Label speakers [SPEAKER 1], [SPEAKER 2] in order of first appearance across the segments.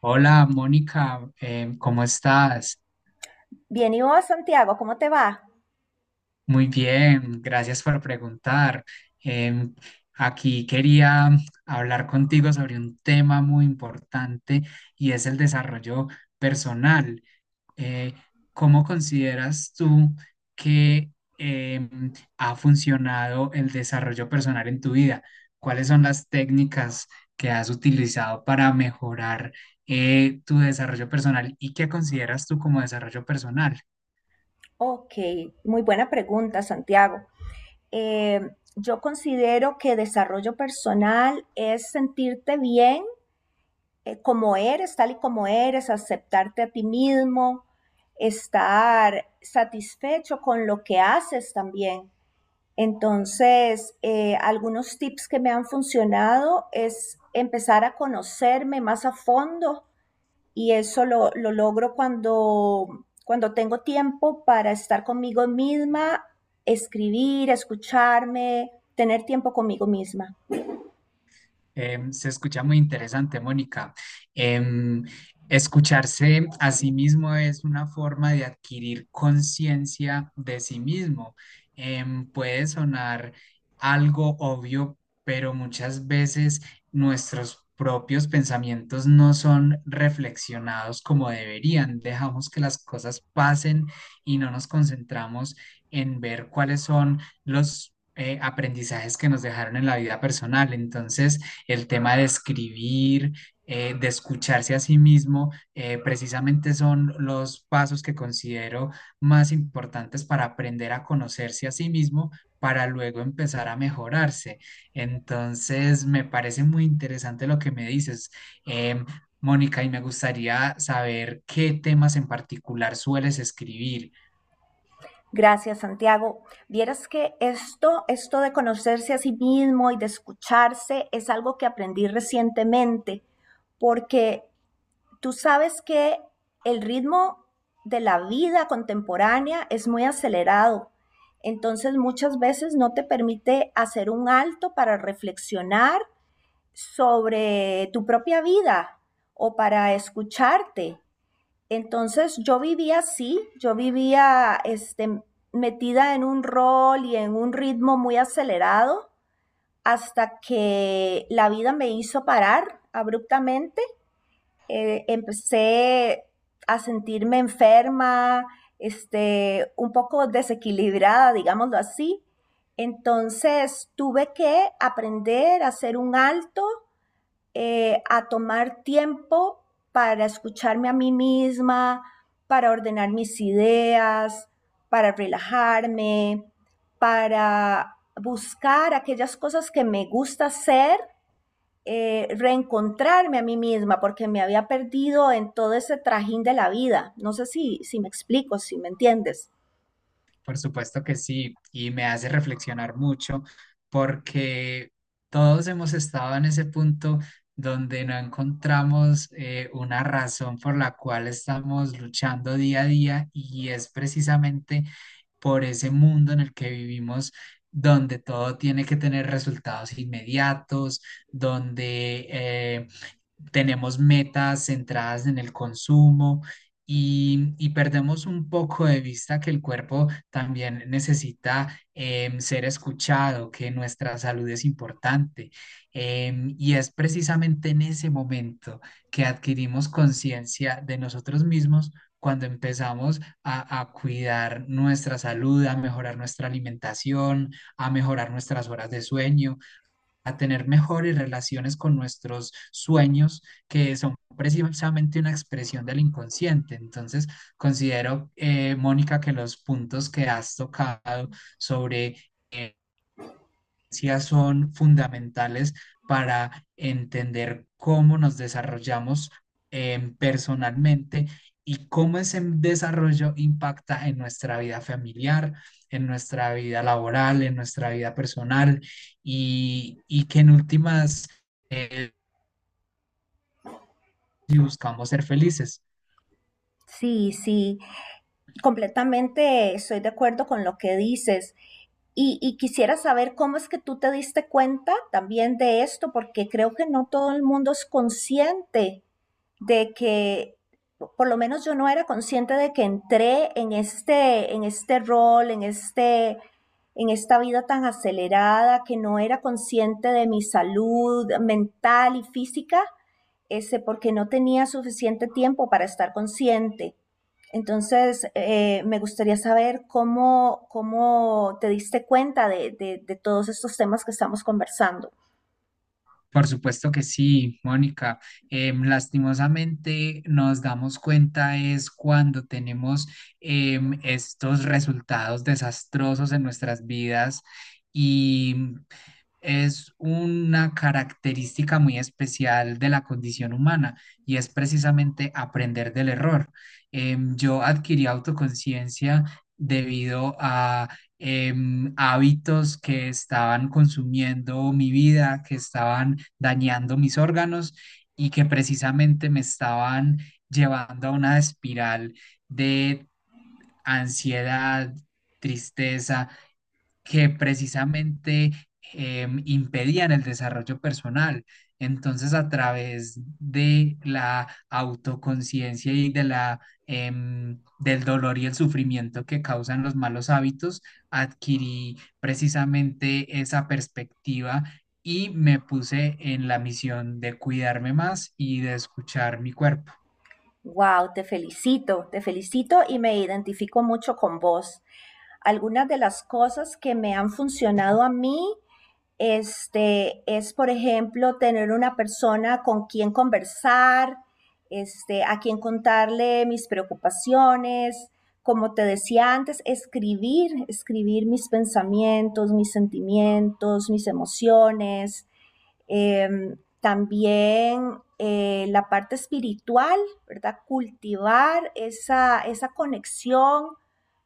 [SPEAKER 1] Hola, Mónica, ¿cómo estás?
[SPEAKER 2] Bien, ¿y vos, Santiago? ¿Cómo te va?
[SPEAKER 1] Muy bien, gracias por preguntar. Em, aquí quería hablar contigo sobre un tema muy importante y es el desarrollo personal. eh, ¿Cómo consideras tú que ha funcionado el desarrollo personal en tu vida? ¿Cuáles son las técnicas que has utilizado para mejorar tu desarrollo personal y qué consideras tú como desarrollo personal?
[SPEAKER 2] Ok, muy buena pregunta, Santiago. Eh, yo considero que desarrollo personal es sentirte bien, como eres, tal y como eres, aceptarte a ti mismo, estar satisfecho con lo que haces también. Entonces, algunos tips que me han funcionado es empezar a conocerme más a fondo. Y eso lo logro cuando tengo tiempo para estar conmigo misma, escribir, escucharme, tener tiempo conmigo misma.
[SPEAKER 1] Se escucha muy interesante, Mónica. Em, Escucharse a sí mismo es una forma de adquirir conciencia de sí mismo. Puede sonar algo obvio, pero muchas veces nuestros propios pensamientos no son reflexionados como deberían. Dejamos que las cosas pasen y no nos concentramos en ver cuáles son los aprendizajes que nos dejaron en la vida personal. Entonces, el tema de escribir, de escucharse a sí mismo, precisamente son los pasos que considero más importantes para aprender a conocerse a sí mismo para luego empezar a mejorarse. Entonces, me parece muy interesante lo que me dices. Em, Mónica, y me gustaría saber qué temas en particular sueles escribir.
[SPEAKER 2] Gracias, Santiago. Vieras que esto de conocerse a sí mismo y de escucharse es algo que aprendí recientemente, porque tú sabes que el ritmo de la vida contemporánea es muy acelerado, entonces muchas veces no te permite hacer un alto para reflexionar sobre tu propia vida o para escucharte. Entonces yo vivía así, yo vivía este, metida en un rol y en un ritmo muy acelerado hasta que la vida me hizo parar abruptamente. Empecé a sentirme enferma, este, un poco desequilibrada, digámoslo así. Entonces tuve que aprender a hacer un alto, a tomar tiempo para escucharme a mí misma, para ordenar mis ideas, para relajarme, para buscar aquellas cosas que me gusta hacer, reencontrarme a mí misma porque me había perdido en todo ese trajín de la vida. No sé si me explico, si me entiendes.
[SPEAKER 1] Por supuesto que sí, y me hace reflexionar mucho porque todos hemos estado en ese punto donde no encontramos una razón por la cual estamos luchando día a día, y es precisamente por ese mundo en el que vivimos donde todo tiene que tener resultados inmediatos, donde tenemos metas centradas en el consumo y perdemos un poco de vista que el cuerpo también necesita ser escuchado, que nuestra salud es importante. Y es precisamente en ese momento que adquirimos conciencia de nosotros mismos, cuando empezamos a cuidar nuestra salud, a mejorar nuestra alimentación, a mejorar nuestras horas de sueño, a tener mejores relaciones con nuestros sueños, que son precisamente una expresión del inconsciente. Entonces, considero, Mónica, que los puntos que has tocado sobre son fundamentales para entender cómo nos desarrollamos personalmente, y cómo ese desarrollo impacta en nuestra vida familiar, en nuestra vida laboral, en nuestra vida personal y que en últimas, eh, si buscamos ser felices.
[SPEAKER 2] Sí, sí, completamente estoy de acuerdo con lo que dices. Y quisiera saber cómo es que tú te diste cuenta también de esto, porque creo que no todo el mundo es consciente de que, por lo menos yo no era consciente de que entré en este rol, en, este, en esta vida tan acelerada, que no era consciente de mi salud mental y física, ese, porque no tenía suficiente tiempo para estar consciente. Entonces, me gustaría saber cómo te diste cuenta de todos estos temas que estamos conversando.
[SPEAKER 1] Por supuesto que sí, Mónica. Lastimosamente nos damos cuenta es cuando tenemos estos resultados desastrosos en nuestras vidas, y es una característica muy especial de la condición humana, y es precisamente aprender del error. Yo adquirí autoconciencia debido a hábitos que estaban consumiendo mi vida, que estaban dañando mis órganos y que precisamente me estaban llevando a una espiral de ansiedad, tristeza, que precisamente impedían el desarrollo personal. Entonces, a través de la autoconciencia y de la, del dolor y el sufrimiento que causan los malos hábitos, adquirí precisamente esa perspectiva y me puse en la misión de cuidarme más y de escuchar mi cuerpo.
[SPEAKER 2] Wow, te felicito y me identifico mucho con vos. Algunas de las cosas que me han funcionado a mí, este, es por ejemplo tener una persona con quien conversar, este, a quien contarle mis preocupaciones, como te decía antes, escribir, escribir mis pensamientos, mis sentimientos, mis emociones, también la parte espiritual, ¿verdad? Cultivar esa conexión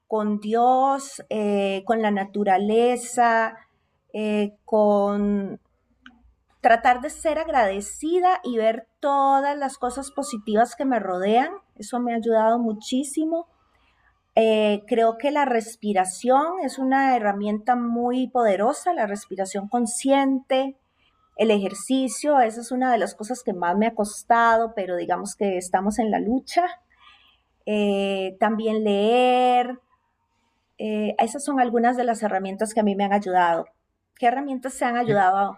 [SPEAKER 2] con Dios, con la naturaleza, con tratar de ser agradecida y ver todas las cosas positivas que me rodean. Eso me ha ayudado muchísimo. Creo que la respiración es una herramienta muy poderosa, la respiración consciente, el ejercicio, esa es una de las cosas que más me ha costado, pero digamos que estamos en la lucha. También leer, esas son algunas de las herramientas que a mí me han ayudado. ¿Qué herramientas te han
[SPEAKER 1] E-
[SPEAKER 2] ayudado?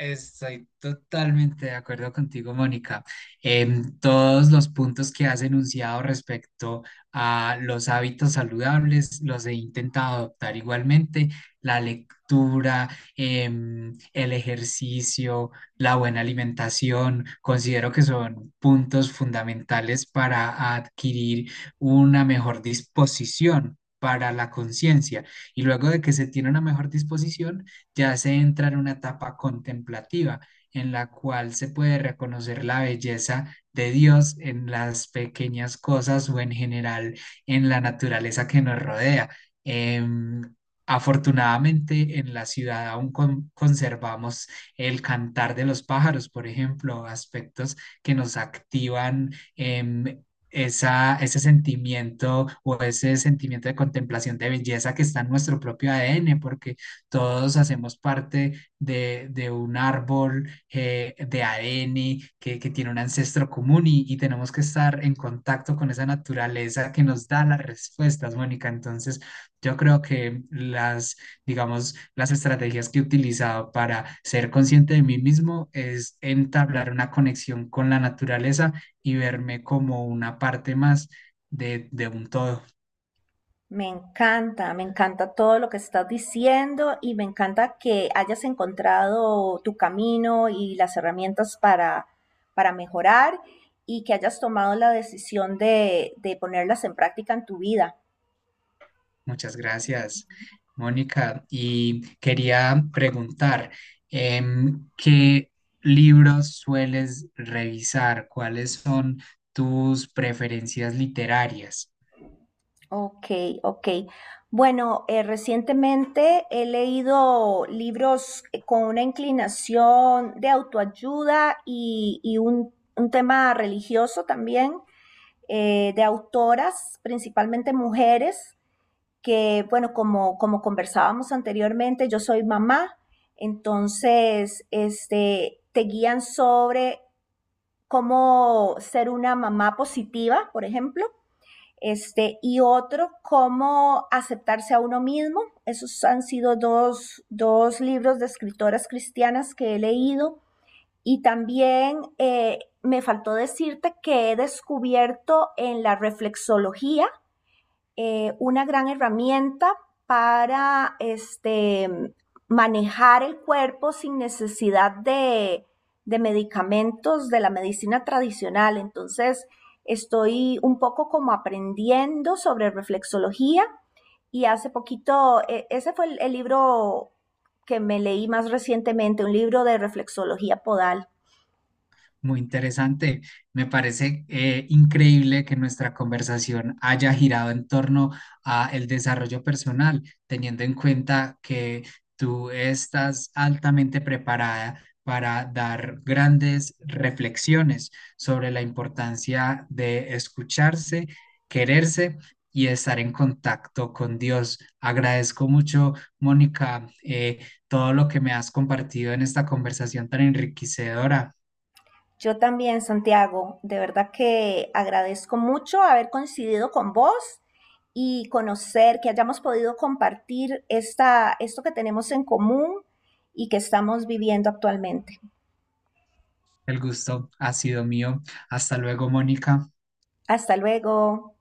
[SPEAKER 1] Estoy totalmente de acuerdo contigo, Mónica. En todos los puntos que has enunciado respecto a los hábitos saludables, los he intentado adoptar igualmente. La lectura, el ejercicio, la buena alimentación, considero que son puntos fundamentales para adquirir una mejor disposición para la conciencia, y luego de que se tiene una mejor disposición, te hace entrar en una etapa contemplativa en la cual se puede reconocer la belleza de Dios en las pequeñas cosas o en general en la naturaleza que nos rodea. Em, Afortunadamente en la ciudad aún conservamos el cantar de los pájaros, por ejemplo, aspectos que nos activan em, ese sentimiento o ese sentimiento de contemplación de belleza que está en nuestro propio ADN, porque todos hacemos parte de un árbol de ADN que tiene un ancestro común y tenemos que estar en contacto con esa naturaleza que nos da las respuestas, Mónica. Entonces, yo creo que las, digamos, las estrategias que he utilizado para ser consciente de mí mismo es entablar una conexión con la naturaleza y verme como una parte más de un todo.
[SPEAKER 2] Me encanta todo lo que estás diciendo y me encanta que hayas encontrado tu camino y las herramientas para mejorar y que hayas tomado la decisión de ponerlas en práctica en tu vida.
[SPEAKER 1] Muchas gracias, Mónica. Y quería preguntar, ¿qué libros sueles revisar? ¿Cuáles son tus preferencias literarias?
[SPEAKER 2] Ok, ok. Bueno, recientemente he leído libros con una inclinación de autoayuda y un tema religioso también, de autoras, principalmente mujeres, que, bueno, como, como conversábamos anteriormente, yo soy mamá, entonces, este, te guían sobre cómo ser una mamá positiva, por ejemplo este, y otro, cómo aceptarse a uno mismo. Esos han sido dos libros de escritoras cristianas que he leído. Y también me faltó decirte que he descubierto en la reflexología una gran herramienta para este, manejar el cuerpo sin necesidad de medicamentos de la medicina tradicional. Entonces, estoy un poco como aprendiendo sobre reflexología y hace poquito, e, ese fue el libro que me leí más recientemente, un libro de reflexología podal.
[SPEAKER 1] Muy interesante. Me parece increíble que nuestra conversación haya girado en torno a el desarrollo personal, teniendo en cuenta que tú estás altamente preparada para dar grandes reflexiones sobre la importancia de escucharse, quererse y estar en contacto con Dios. Agradezco mucho, Mónica, todo lo que me has compartido en esta conversación tan enriquecedora.
[SPEAKER 2] Yo también, Santiago, de verdad que agradezco mucho haber coincidido con vos y conocer que hayamos podido compartir esta, esto que tenemos en común y que estamos viviendo actualmente.
[SPEAKER 1] El gusto ha sido mío. Hasta luego, Mónica.
[SPEAKER 2] Hasta luego.